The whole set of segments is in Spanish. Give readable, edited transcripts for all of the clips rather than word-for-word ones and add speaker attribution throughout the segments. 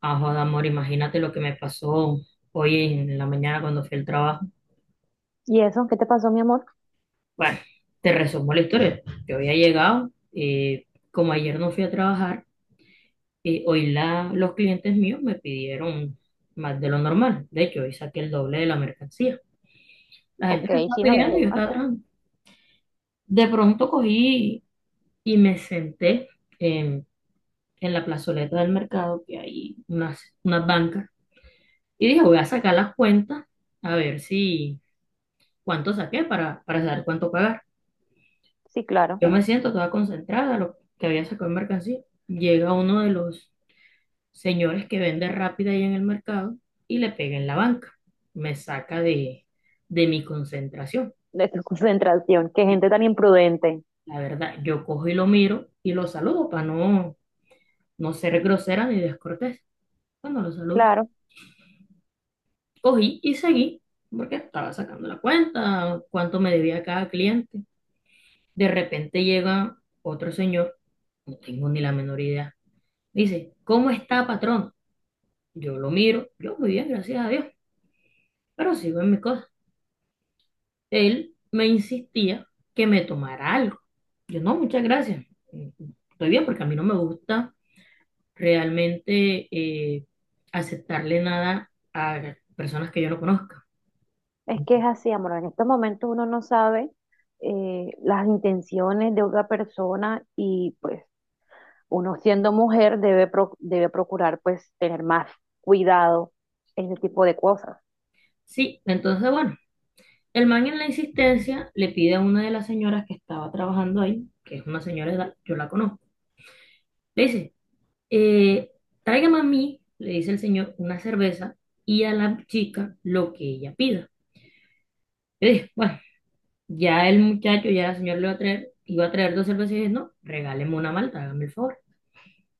Speaker 1: Ah, joda, amor, imagínate lo que me pasó hoy en la mañana cuando fui al trabajo.
Speaker 2: ¿Y eso? ¿Qué te pasó, mi amor?
Speaker 1: Bueno, te resumo la historia. Yo había llegado, como ayer no fui a trabajar, hoy los clientes míos me pidieron más de lo normal. De hecho, hoy saqué el doble de la mercancía. La gente
Speaker 2: Ok,
Speaker 1: me estaba
Speaker 2: sí,
Speaker 1: pidiendo
Speaker 2: no.
Speaker 1: y yo estaba trabajando. De pronto cogí y me senté en, en la plazoleta del mercado, que hay unas bancas, y dije, voy a sacar las cuentas a ver si cuánto saqué para saber cuánto pagar.
Speaker 2: Sí, claro.
Speaker 1: Yo me siento toda concentrada, lo que había sacado en mercancía. Llega uno de los señores que vende rápida ahí en el mercado y le pega en la banca. Me saca de mi concentración.
Speaker 2: De tu concentración. Qué gente tan imprudente.
Speaker 1: La verdad, yo cojo y lo miro y lo saludo para no ser grosera ni descortés. Cuando lo saludo,
Speaker 2: Claro,
Speaker 1: cogí y seguí porque estaba sacando la cuenta, cuánto me debía cada cliente. De repente llega otro señor, no tengo ni la menor idea. Dice, ¿cómo está, patrón? Yo lo miro, yo muy bien, gracias a Dios, pero sigo en mis cosas. Él me insistía que me tomara algo. Yo no, muchas gracias. Estoy bien porque a mí no me gusta realmente aceptarle nada a personas que yo no conozca.
Speaker 2: es que es así, amor. En estos momentos uno no sabe las intenciones de otra persona y pues uno siendo mujer debe, debe procurar pues tener más cuidado en ese tipo de cosas.
Speaker 1: Sí, entonces bueno, el man en la insistencia le pide a una de las señoras que estaba trabajando ahí, que es una señora de edad, yo la conozco. Le dice, Eh, tráigame a mí, le dice el señor, una cerveza y a la chica lo que ella pida. Yo dije, bueno, ya el señor le va a traer, iba a traer dos cervezas y dije, no, regáleme una malta, hágame el favor.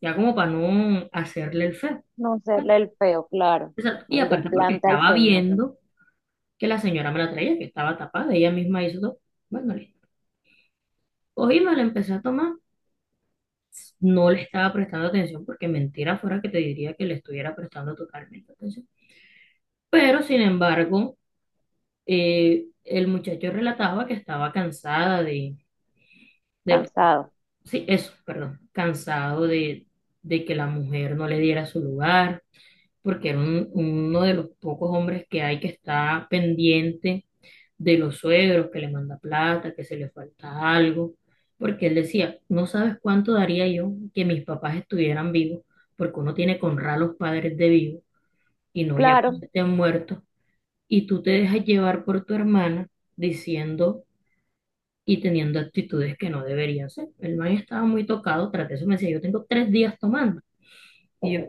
Speaker 1: Ya como para no hacerle el feo.
Speaker 2: No serle
Speaker 1: Bueno,
Speaker 2: el feo, claro.
Speaker 1: exacto. Y
Speaker 2: Al
Speaker 1: aparte porque
Speaker 2: desplante al
Speaker 1: estaba
Speaker 2: señor.
Speaker 1: viendo que la señora me la traía, que estaba tapada, ella misma hizo todo. Bueno, listo. Cogí, me la empecé a tomar, no le estaba prestando atención porque mentira fuera que te diría que le estuviera prestando totalmente atención. Pero sin embargo, el muchacho relataba que estaba de-
Speaker 2: Cansado.
Speaker 1: sí, eso, perdón, cansado de que la mujer no le diera su lugar, porque uno de los pocos hombres que hay que está pendiente de los suegros, que le manda plata, que se le falta algo, porque él decía, no sabes cuánto daría yo que mis papás estuvieran vivos, porque uno tiene que honrar a los padres de vivo y no ya
Speaker 2: Claro,
Speaker 1: cuando estén muertos, y tú te dejas llevar por tu hermana diciendo y teniendo actitudes que no deberían ser. El man estaba muy tocado, tras de eso me decía, yo tengo 3 días tomando. Y yo,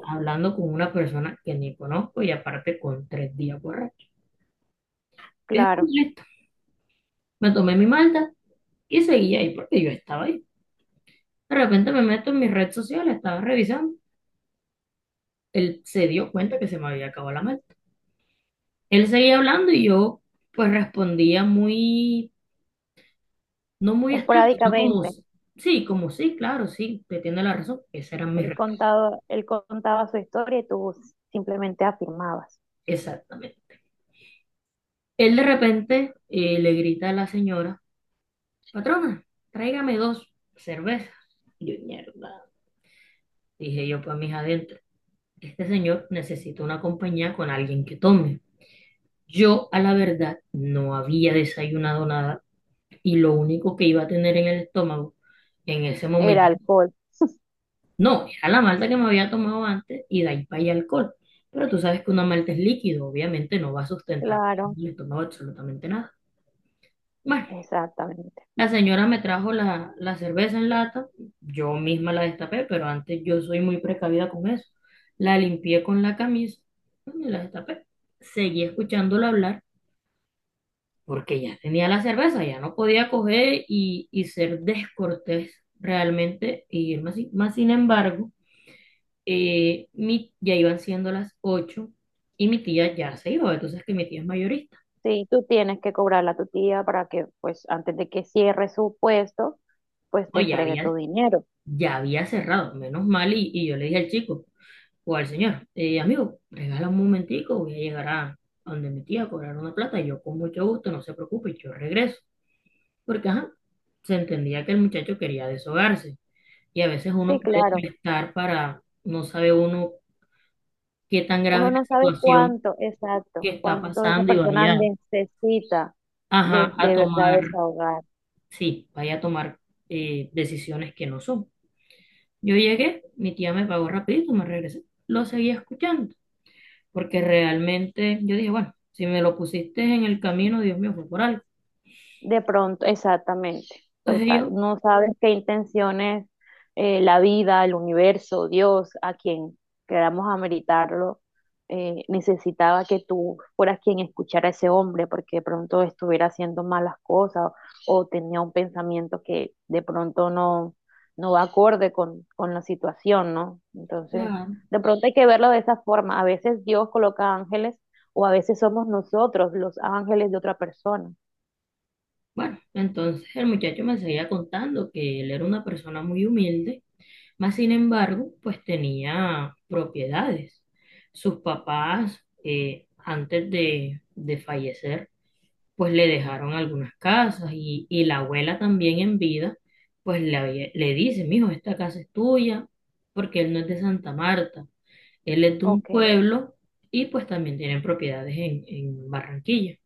Speaker 1: hablando con una persona que ni conozco y aparte con 3 días borracho. Es un
Speaker 2: claro.
Speaker 1: listo. Me tomé mi malta y seguí ahí porque yo estaba ahí. De repente me meto en mis redes sociales, estaba revisando. Él se dio cuenta que se me había acabado la malta. Él seguía hablando y yo pues respondía no muy extenso, sino
Speaker 2: Esporádicamente.
Speaker 1: como sí, claro, sí, te tiene la razón. Esa era mi
Speaker 2: Él
Speaker 1: respuesta,
Speaker 2: contaba, él contaba su historia y tú simplemente afirmabas.
Speaker 1: exactamente. Él de repente le grita a la señora, patrona, tráigame dos cervezas. Yo, mierda, dije yo para mis adentros, este señor necesita una compañía con alguien que tome. Yo a la verdad no había desayunado nada y lo único que iba a tener en el estómago en ese
Speaker 2: Era
Speaker 1: momento,
Speaker 2: alcohol,
Speaker 1: no, era la malta que me había tomado antes y de ahí para allá alcohol. Pero tú sabes que una malta es líquido, obviamente no va a sustentar
Speaker 2: claro,
Speaker 1: el estómago absolutamente nada. Bueno,
Speaker 2: exactamente.
Speaker 1: la señora me trajo la cerveza en lata, yo misma la destapé, pero antes yo soy muy precavida con eso. La limpié con la camisa y la destapé. Seguí escuchándola hablar porque ya tenía la cerveza, ya no podía coger y ser descortés realmente y irme así. Más sin embargo, ya iban siendo las 8 y mi tía ya se iba, entonces que mi tía es mayorista.
Speaker 2: Sí, tú tienes que cobrarle a tu tía para que, pues, antes de que cierre su puesto, pues te
Speaker 1: No,
Speaker 2: entregue tu dinero.
Speaker 1: ya había cerrado, menos mal, y yo le dije al chico. O al señor, amigo, regala un momentico, voy a llegar a donde mi tía a cobrar una plata, y yo con mucho gusto, no se preocupe, yo regreso. Porque, ajá, se entendía que el muchacho quería deshogarse. Y a veces
Speaker 2: Sí,
Speaker 1: uno puede
Speaker 2: claro.
Speaker 1: prestar para, no sabe uno qué tan grave
Speaker 2: Uno
Speaker 1: es
Speaker 2: no
Speaker 1: la
Speaker 2: sabe
Speaker 1: situación
Speaker 2: cuánto, exacto,
Speaker 1: que está
Speaker 2: cuánto esa
Speaker 1: pasando y
Speaker 2: persona
Speaker 1: vaya,
Speaker 2: necesita
Speaker 1: ajá, a
Speaker 2: de verdad
Speaker 1: tomar,
Speaker 2: desahogar.
Speaker 1: sí, vaya a tomar decisiones que no son. Yo llegué, mi tía me pagó rapidito, me regresé, lo seguí escuchando. Porque realmente yo dije, bueno, si me lo pusiste en el camino, Dios mío, fue por algo.
Speaker 2: De pronto, exactamente,
Speaker 1: Entonces
Speaker 2: total.
Speaker 1: yo,
Speaker 2: No sabes qué intenciones la vida, el universo, Dios, a quien queramos ameritarlo, necesitaba que tú fueras quien escuchara a ese hombre, porque de pronto estuviera haciendo malas cosas o, tenía un pensamiento que de pronto no, no va acorde con la situación, ¿no? Entonces,
Speaker 1: claro,
Speaker 2: de pronto hay que verlo de esa forma. A veces Dios coloca ángeles o a veces somos nosotros los ángeles de otra persona.
Speaker 1: bueno, entonces el muchacho me seguía contando que él era una persona muy humilde, más sin embargo, pues tenía propiedades. Sus papás, de fallecer, pues le dejaron algunas casas y la abuela también en vida, le dice, mijo, esta casa es tuya, porque él no es de Santa Marta. Él es de un
Speaker 2: Ok.
Speaker 1: pueblo y pues también tienen propiedades en Barranquilla.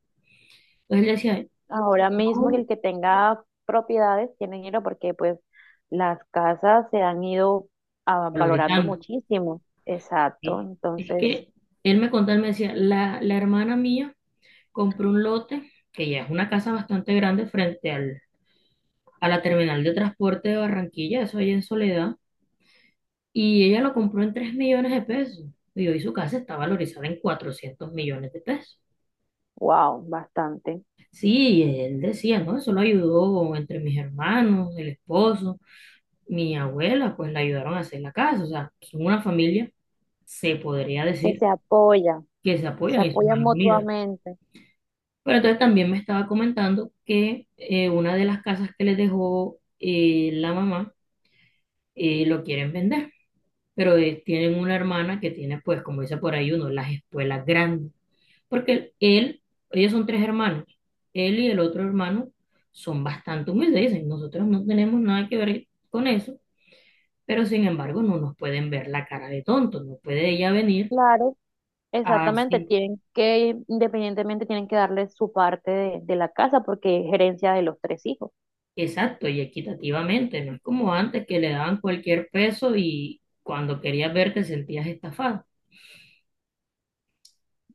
Speaker 1: Entonces él decía,
Speaker 2: Ahora mismo el
Speaker 1: no,
Speaker 2: que tenga propiedades tiene dinero porque pues las casas se han ido valorando
Speaker 1: valorizando.
Speaker 2: muchísimo. Exacto,
Speaker 1: ¿Sí? Es
Speaker 2: entonces,
Speaker 1: que él me contó, él me decía, la hermana mía compró un lote, que ya es una casa bastante grande frente a la terminal de transporte de Barranquilla, eso allá en Soledad, y ella lo compró en 3 millones de pesos. Y hoy su casa está valorizada en 400 millones de pesos.
Speaker 2: wow, bastante.
Speaker 1: Sí, y él decía, ¿no? Eso lo ayudó entre mis hermanos, el esposo. Mi abuela, pues la ayudaron a hacer la casa. O sea, son una familia, se podría
Speaker 2: Que
Speaker 1: decir,
Speaker 2: se apoya,
Speaker 1: que se
Speaker 2: se
Speaker 1: apoyan y son
Speaker 2: apoyan
Speaker 1: algo unidas.
Speaker 2: mutuamente.
Speaker 1: Pero entonces también me estaba comentando que una de las casas que les dejó la mamá lo quieren vender. Pero tienen una hermana que tiene, pues, como dice por ahí uno, las espuelas grandes. Porque él, ellos son tres hermanos. Él y el otro hermano son bastante humildes. Dicen, nosotros no tenemos nada que ver con eso, pero sin embargo no nos pueden ver la cara de tonto, no puede ella venir
Speaker 2: Claro, exactamente,
Speaker 1: así,
Speaker 2: tienen que, independientemente, tienen que darle su parte de la casa porque es gerencia de los tres hijos.
Speaker 1: exacto, y equitativamente, no es como antes que le daban cualquier peso y cuando querías ver te sentías estafado.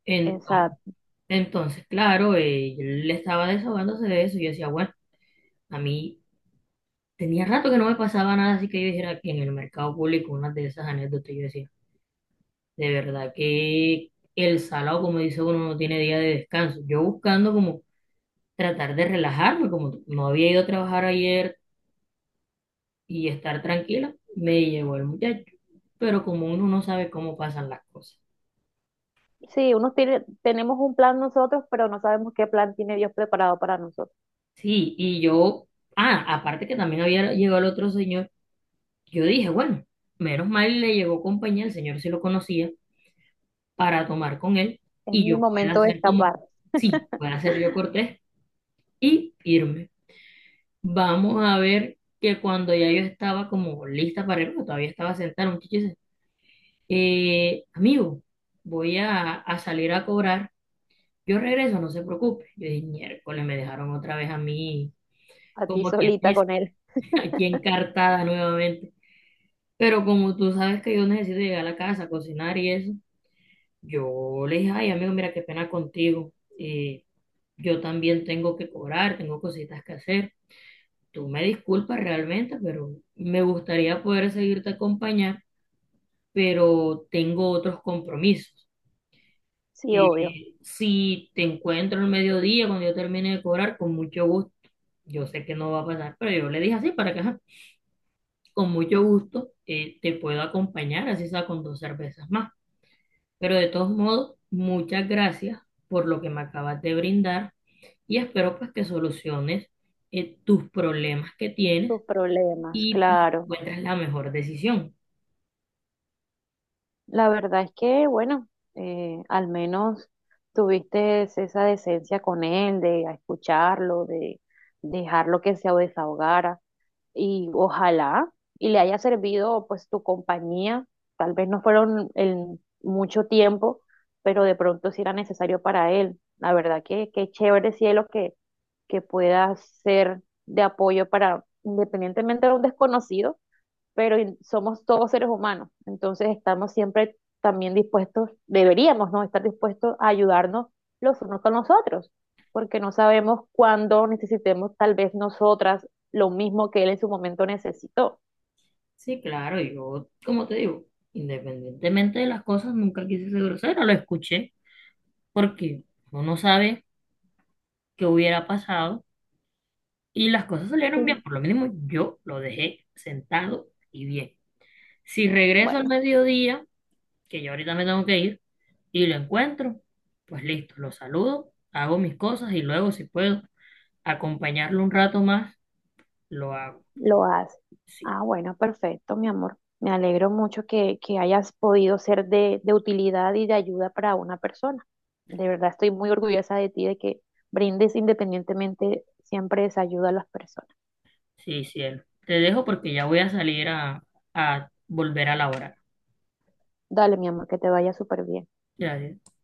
Speaker 1: Entonces,
Speaker 2: Exacto.
Speaker 1: entonces, claro, yo le estaba desahogándose de eso y yo decía, bueno, a mí tenía rato que no me pasaba nada, así que yo dijera que en el mercado público una de esas anécdotas, yo decía, de verdad que el salado, como dice uno, no tiene día de descanso. Yo buscando como tratar de relajarme, como no había ido a trabajar ayer y estar tranquila, me llevó el muchacho. Pero como uno no sabe cómo pasan las cosas.
Speaker 2: Sí, unos tiene, tenemos un plan nosotros, pero no sabemos qué plan tiene Dios preparado para nosotros.
Speaker 1: Sí, y yo, ah, aparte que también había llegado el otro señor, yo dije, bueno, menos mal le llegó compañía, el señor sí lo conocía, para tomar con él
Speaker 2: Es
Speaker 1: y
Speaker 2: mi
Speaker 1: yo pueda
Speaker 2: momento de
Speaker 1: hacer como,
Speaker 2: escapar.
Speaker 1: sí, pueda hacer yo cortés y irme. Vamos a ver que cuando ya yo estaba como lista para irme, todavía estaba sentada, un muchacho amigo, voy a salir a cobrar, yo regreso, no se preocupe. Yo dije, miércoles, me dejaron otra vez a mí,
Speaker 2: A ti
Speaker 1: como quien
Speaker 2: solita
Speaker 1: dice,
Speaker 2: con él.
Speaker 1: aquí encartada nuevamente. Pero como tú sabes que yo necesito llegar a la casa, cocinar y eso, yo le dije, ay, amigo, mira, qué pena contigo. eh, yo también tengo que cobrar, tengo cositas que hacer. Tú me disculpas realmente, pero me gustaría poder seguirte acompañar, pero tengo otros compromisos.
Speaker 2: Sí, obvio,
Speaker 1: Si te encuentro el mediodía cuando yo termine de cobrar, con mucho gusto, yo sé que no va a pasar, pero yo le dije así para que ajá, con mucho gusto te puedo acompañar, así sea con dos cervezas más. Pero de todos modos, muchas gracias por lo que me acabas de brindar y espero pues que soluciones tus problemas que tienes
Speaker 2: tus problemas,
Speaker 1: y pues
Speaker 2: claro.
Speaker 1: encuentres la mejor decisión.
Speaker 2: La verdad es que, bueno, al menos tuviste esa decencia con él de escucharlo, de dejarlo que se desahogara. Y ojalá y le haya servido pues tu compañía. Tal vez no fueron el mucho tiempo, pero de pronto sí era necesario para él. La verdad que qué chévere, cielo, que pueda ser de apoyo para, independientemente de un desconocido, pero somos todos seres humanos, entonces estamos siempre también dispuestos, deberíamos, ¿no? Estar dispuestos a ayudarnos los unos con los otros, porque no sabemos cuándo necesitemos tal vez nosotras lo mismo que él en su momento necesitó.
Speaker 1: Sí, claro, yo, como te digo, independientemente de las cosas, nunca quise ser grosero, lo escuché. Porque uno no sabe qué hubiera pasado y las cosas salieron
Speaker 2: Y
Speaker 1: bien, por lo mínimo yo lo dejé sentado y bien. Si regreso al
Speaker 2: bueno,
Speaker 1: mediodía, que yo ahorita me tengo que ir, y lo encuentro, pues listo, lo saludo, hago mis cosas y luego si puedo acompañarlo un rato más, lo hago.
Speaker 2: lo hace.
Speaker 1: Sí,
Speaker 2: Ah, bueno, perfecto, mi amor. Me alegro mucho que hayas podido ser de utilidad y de ayuda para una persona. De verdad estoy muy orgullosa de ti, de que brindes independientemente siempre esa ayuda a las personas.
Speaker 1: sí, cielo. Te dejo porque ya voy a salir a volver a laborar.
Speaker 2: Dale, mi amor, que te vaya súper bien.
Speaker 1: Gracias.